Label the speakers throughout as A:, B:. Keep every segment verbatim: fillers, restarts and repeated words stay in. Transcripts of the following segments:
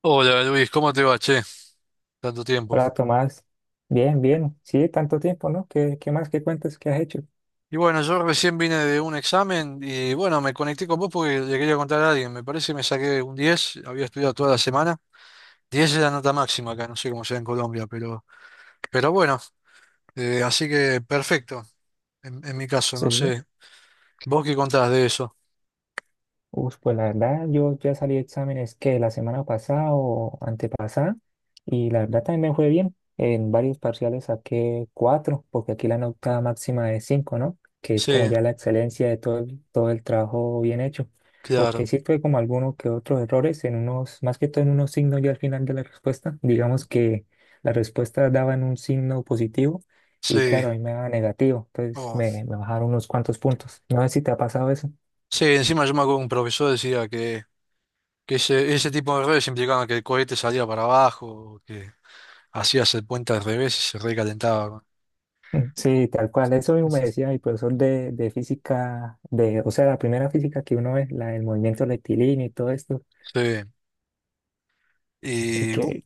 A: Hola Luis, ¿cómo te va, che? Tanto tiempo.
B: Hola Tomás, bien, bien, sí, tanto tiempo, ¿no? ¿Qué, qué más que cuentas que has hecho?
A: Y bueno, yo recién vine de un examen y bueno, me conecté con vos porque le quería contar a alguien. Me parece que me saqué un diez, había estudiado toda la semana. Diez es la nota máxima acá, no sé cómo sea en Colombia, pero, pero bueno, eh, así que perfecto, en, en mi caso, no
B: Sí.
A: sé. ¿Vos qué contás de eso?
B: Uf, pues la verdad, yo ya salí de exámenes que la semana pasada o antepasada, y la verdad también me fue bien. En varios parciales saqué cuatro, porque aquí la nota máxima es cinco, ¿no? Que es como
A: Sí,
B: ya la excelencia de todo el, todo el trabajo bien hecho. Porque
A: claro,
B: sí tuve como algunos que otros errores en unos, más que todo en unos signos ya al final de la respuesta. Digamos que la respuesta daba en un signo positivo, y
A: sí.
B: claro, a mí me daba negativo, entonces
A: Oh.
B: me, me bajaron unos cuantos puntos. No sé si te ha pasado eso.
A: Sí, encima yo me acuerdo que un profesor decía que, que ese, ese tipo de errores implicaban que el cohete salía para abajo, que hacías el puente al revés y se recalentaba.
B: Sí, tal cual. Eso mismo me decía mi profesor de, de física, de, o sea, la primera física que uno ve, la del movimiento rectilíneo y todo esto.
A: Sí.
B: Y
A: Y, bu-
B: que,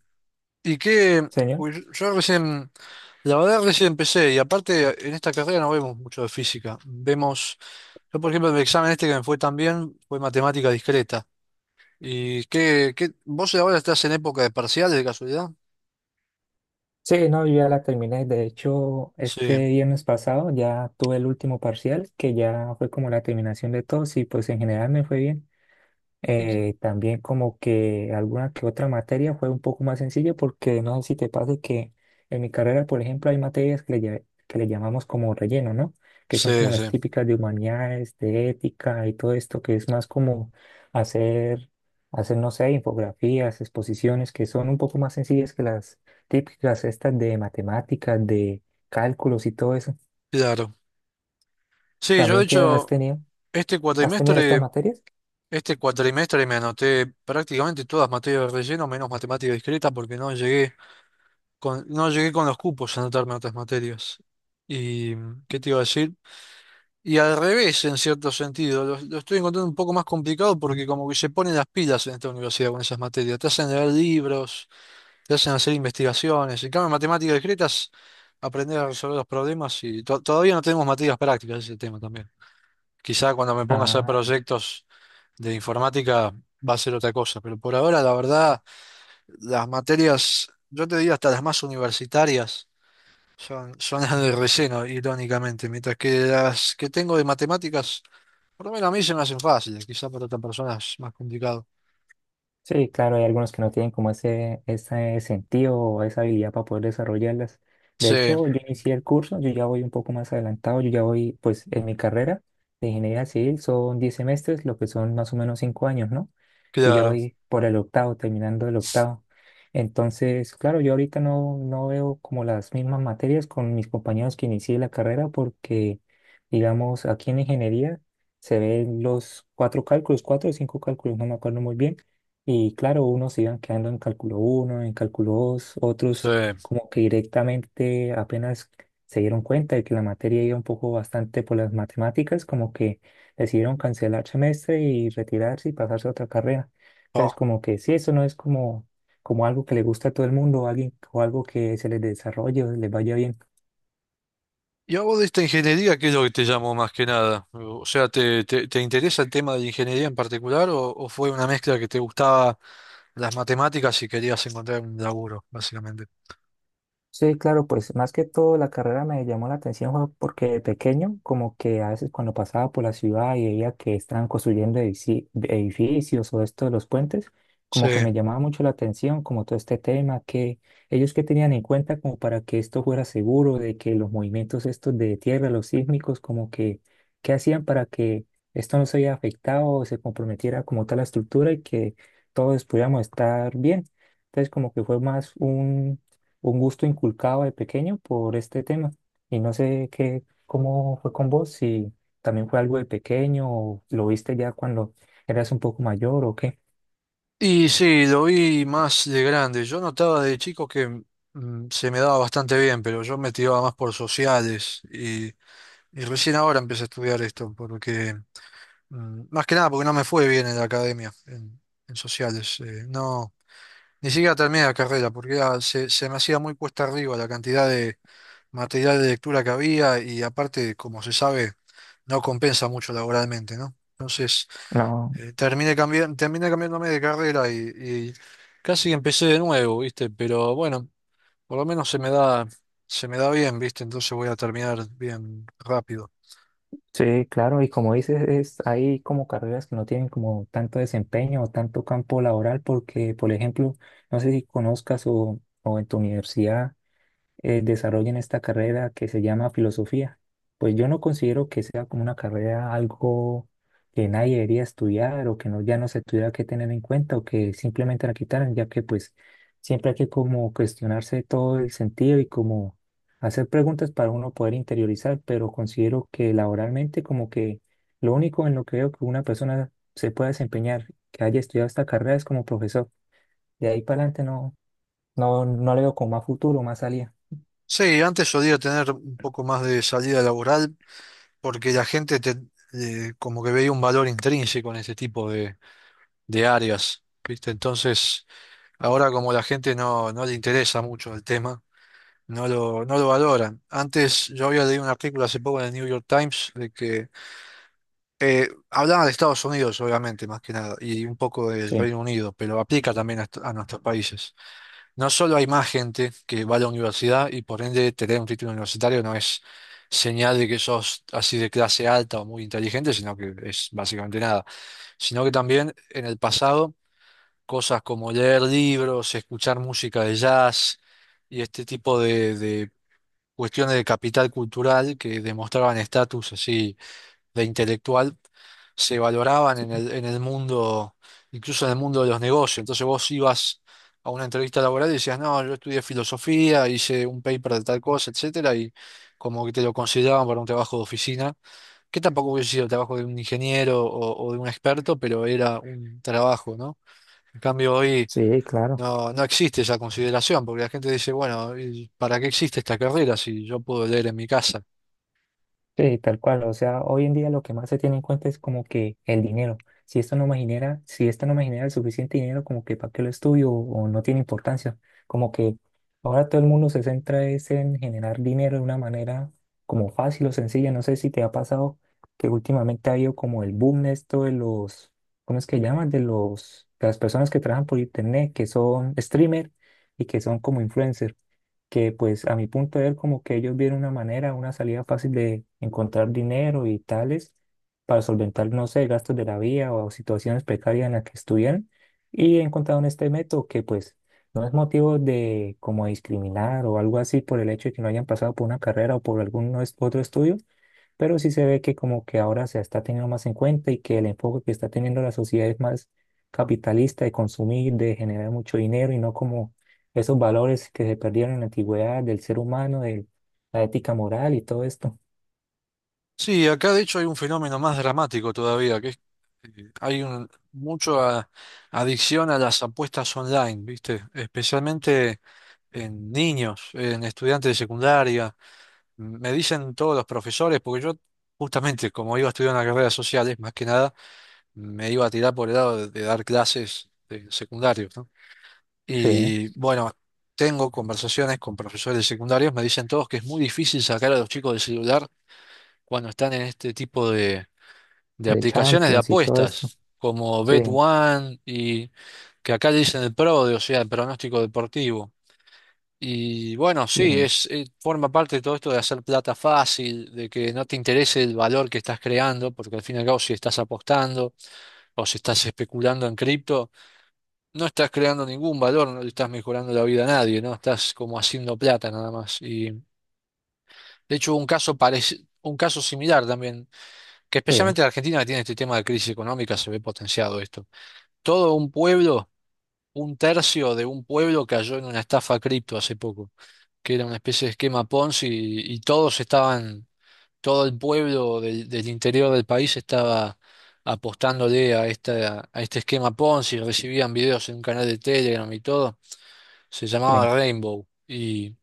A: y qué,
B: señor,
A: pues yo recién, la verdad recién empecé, y aparte en esta carrera no vemos mucho de física. Vemos, yo por ejemplo en el examen este que me fue tan bien fue matemática discreta. ¿Y qué, qué, vos ahora estás en época de parciales de casualidad?
B: sí, no, yo ya la terminé. De hecho,
A: Sí.
B: este viernes pasado ya tuve el último parcial, que ya fue como la terminación de todos y pues en general me fue bien.
A: ¿Y qué-
B: Eh, también como que alguna que otra materia fue un poco más sencilla porque no sé si te pasa que en mi carrera, por ejemplo, hay materias que le, lla- que le llamamos como relleno, ¿no? Que son como
A: Sí, sí,
B: las típicas de humanidades, de ética y todo esto, que es más como hacer, hacer, no sé, infografías, exposiciones, que son un poco más sencillas que las típicas estas de matemáticas, de cálculos y todo eso.
A: claro. Sí, yo de
B: ¿También te has
A: hecho,
B: tenido,
A: este
B: has tenido estas
A: cuatrimestre,
B: materias?
A: este cuatrimestre me anoté prácticamente todas materias de relleno, menos matemática discreta, porque no llegué, con- no llegué con los cupos a anotarme a otras materias. ¿Y qué te iba a decir? Y al revés, en cierto sentido, lo, lo estoy encontrando un poco más complicado porque como que se ponen las pilas en esta universidad con esas materias. Te hacen leer libros, te hacen hacer investigaciones. En cambio, en matemáticas discretas, aprender a resolver los problemas y to- todavía no tenemos materias prácticas, ese tema también. Quizá cuando me ponga a hacer
B: Ah,
A: proyectos de informática va a ser otra cosa, pero por ahora, la verdad, las materias, yo te digo hasta las más universitarias. Son, son las de relleno, irónicamente, mientras que las que tengo de matemáticas, por lo menos a mí se me hacen fáciles, quizá para otras personas es más complicado.
B: sí, claro, hay algunos que no tienen como ese, ese sentido o esa habilidad para poder desarrollarlas. De
A: Sí,
B: hecho, yo inicié el curso, yo ya voy un poco más adelantado, yo ya voy, pues en mi carrera de ingeniería civil son diez semestres, lo que son más o menos cinco años, ¿no? Yo ya
A: claro,
B: voy por el octavo, terminando el octavo. Entonces, claro, yo ahorita no, no veo como las mismas materias con mis compañeros que inicié la carrera porque, digamos, aquí en ingeniería se ven los cuatro cálculos, cuatro o cinco cálculos, no me acuerdo muy bien y claro, unos iban quedando en cálculo uno en cálculo dos otros
A: sí.
B: como que directamente apenas se dieron cuenta de que la materia iba un poco bastante por las matemáticas, como que decidieron cancelar semestre y retirarse y pasarse a otra carrera.
A: Oh.
B: Entonces, como que sí, eso no es como, como algo que le gusta a todo el mundo, o alguien, o algo que se les desarrolle o les vaya bien.
A: Y a vos de esta ingeniería, ¿qué es lo que te llamó más que nada? O sea, ¿te, te, te interesa el tema de la ingeniería en particular o, o fue una mezcla que te gustaba las matemáticas y querías encontrar un laburo, básicamente?
B: Sí, claro, pues más que todo la carrera me llamó la atención fue porque de pequeño, como que a veces cuando pasaba por la ciudad y veía que estaban construyendo edici- edificios o esto de los puentes,
A: Sí.
B: como que me llamaba mucho la atención, como todo este tema, que ellos que tenían en cuenta como para que esto fuera seguro, de que los movimientos estos de tierra, los sísmicos, como que, ¿qué hacían para que esto no se haya afectado o se comprometiera como tal la estructura y que todos pudiéramos estar bien? Entonces como que fue más un un gusto inculcado de pequeño por este tema. Y no sé qué, cómo fue con vos, si también fue algo de pequeño o lo viste ya cuando eras un poco mayor o qué.
A: Y sí, lo vi más de grande. Yo notaba de chico que mm, se me daba bastante bien, pero yo me tiraba más por sociales y, y recién ahora empecé a estudiar esto, porque mm, más que nada porque no me fue bien en la academia, en, en sociales. Eh, no, ni siquiera terminé la carrera, porque era- se, se me hacía muy cuesta arriba la cantidad de material de lectura que había y aparte, como se sabe, no compensa mucho laboralmente, ¿no? Entonces
B: No,
A: eh, terminé cambiando, terminé cambiándome de carrera y, y casi empecé de nuevo, ¿viste? Pero bueno, por lo menos se me da, se me da bien, ¿viste? Entonces voy a terminar bien rápido.
B: sí, claro, y como dices, es, hay como carreras que no tienen como tanto desempeño o tanto campo laboral porque, por ejemplo, no sé si conozcas o, o en tu universidad eh, desarrollen esta carrera que se llama filosofía. Pues yo no considero que sea como una carrera algo que nadie debería estudiar o que no, ya no se tuviera que tener en cuenta o que simplemente la quitaran, ya que pues siempre hay que como cuestionarse todo el sentido y como hacer preguntas para uno poder interiorizar, pero considero que laboralmente como que lo único en lo que veo que una persona se pueda desempeñar, que haya estudiado esta carrera es como profesor. De ahí para adelante no, no, no le veo como más futuro, más salida.
A: Sí, antes solía tener un poco más de salida laboral porque la gente te, eh, como que veía un valor intrínseco en este tipo de, de áreas, ¿viste? Entonces, ahora como la gente no, no le interesa mucho el tema, no lo, no lo valoran. Antes yo había leído un artículo hace poco en el New York Times de que Eh, hablaba de Estados Unidos, obviamente, más que nada, y un poco del
B: Sí.
A: Reino Unido, pero aplica también a, est- a nuestros países. No solo hay más gente que va a la universidad y por ende tener un título universitario no es señal de que sos así de clase alta o muy inteligente, sino que es básicamente nada. Sino que también en el pasado cosas como leer libros, escuchar música de jazz y este tipo de, de cuestiones de capital cultural que demostraban estatus así de intelectual se valoraban en el, en el mundo, incluso en el mundo de los negocios. Entonces vos ibas a una entrevista laboral y decías, no, yo estudié filosofía, hice un paper de tal cosa, etcétera, y como que te lo consideraban para un trabajo de oficina, que tampoco hubiese sido el trabajo de un ingeniero o, o de un experto, pero era un trabajo, ¿no? En cambio hoy
B: Sí, claro,
A: no, no existe esa consideración, porque la gente dice, bueno, y ¿para qué existe esta carrera si yo puedo leer en mi casa?
B: sí, tal cual. O sea, hoy en día lo que más se tiene en cuenta es como que el dinero. Si esto no me genera, si esto no me genera el suficiente dinero, como que para qué lo estudio o no tiene importancia. Como que ahora todo el mundo se centra es en generar dinero de una manera como fácil o sencilla. No sé si te ha pasado que últimamente ha habido como el boom de esto de los, ¿cómo es que llaman? De los, de las personas que trabajan por internet, que son streamer y que son como influencer. Que pues a mi punto de ver como que ellos vieron una manera, una salida fácil de encontrar dinero y tales para solventar, no sé, gastos de la vía o situaciones precarias en las que estuvieran y encontraron este método que pues no es motivo de como discriminar o algo así por el hecho de que no hayan pasado por una carrera o por algún no es- otro estudio, pero sí se ve que como que ahora se está teniendo más en cuenta y que el enfoque que está teniendo la sociedad es más capitalista de consumir, de generar mucho dinero y no como esos valores que se perdieron en la antigüedad del ser humano, de la ética moral y todo esto.
A: Sí, acá de hecho hay un fenómeno más dramático todavía, que es, eh, hay un, mucho a- adicción a las apuestas online, ¿viste? Especialmente en niños, en estudiantes de secundaria. Me dicen todos los profesores, porque yo justamente como iba a estudiar una carrera de sociales, más que nada, me iba a tirar por el lado de, de dar clases de secundarios, ¿no?
B: Sí,
A: Y bueno, tengo conversaciones con profesores de secundarios, me dicen todos que es muy difícil sacar a los chicos del celular cuando están en este tipo de
B: de
A: aplicaciones de
B: Champions y todo esto.
A: apuestas, como
B: Sí,
A: BetOne y que acá le dicen el PRODE, o sea, el pronóstico deportivo. Y bueno, sí,
B: y-
A: es, eh, forma parte de todo esto de hacer plata fácil, de que no te interese el valor que estás creando, porque al fin y al cabo si estás apostando o si estás especulando en cripto, no estás creando ningún valor, no le estás mejorando la vida a nadie, ¿no? Estás como haciendo plata nada más. Y de hecho, hubo un caso parec- un caso similar también, que
B: sí,
A: especialmente la Argentina que tiene este tema de crisis económica se ve potenciado esto. Todo un pueblo Un tercio de un pueblo cayó en una estafa cripto hace poco, que era una especie de esquema Ponzi y, y todos estaban, todo el pueblo del, del interior del país estaba apostándole a esta, a este esquema Ponzi, recibían videos en un canal de Telegram y todo, se
B: sí.
A: llamaba Rainbow y,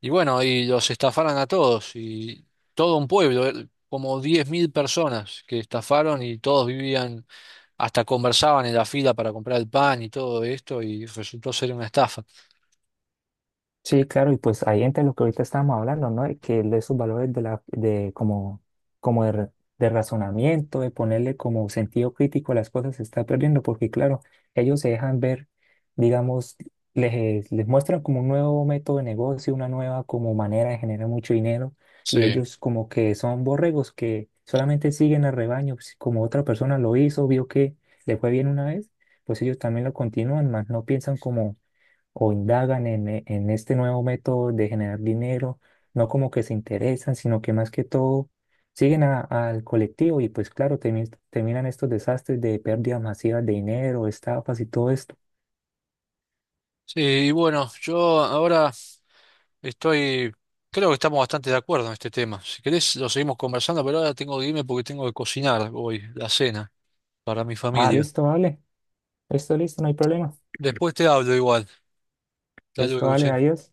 A: y bueno, y los estafaron a todos y todo un pueblo, eh, como diez mil personas que estafaron y todos vivían hasta conversaban en la fila para comprar el pan y todo esto y resultó ser una estafa.
B: Sí, claro, y pues ahí entra lo que ahorita estábamos hablando, ¿no? De que de esos valores de la, de como, como de, ra- de razonamiento, de ponerle como sentido crítico a las cosas, se está perdiendo, porque claro, ellos se dejan ver, digamos, les, les muestran como un nuevo método de negocio, una nueva como manera de generar mucho dinero, y
A: Sí.
B: ellos como que son borregos que solamente siguen al rebaño, pues, como otra persona lo hizo, vio que le fue bien una vez, pues ellos también lo continúan, más no piensan como o indagan en, e- en este nuevo método de generar dinero, no como que se interesan, sino que más que todo siguen a- al colectivo y pues claro, termi- terminan estos desastres de pérdidas masivas de dinero, estafas y todo esto.
A: Sí, y bueno, yo ahora estoy, creo que estamos bastante de acuerdo en este tema. Si querés, lo seguimos conversando, pero ahora tengo que irme porque tengo que cocinar hoy la cena para mi
B: Ah,
A: familia.
B: listo, vale. Esto listo, no hay problema.
A: Después te hablo igual. Hasta
B: Esto
A: luego,
B: vale,
A: che.
B: adiós.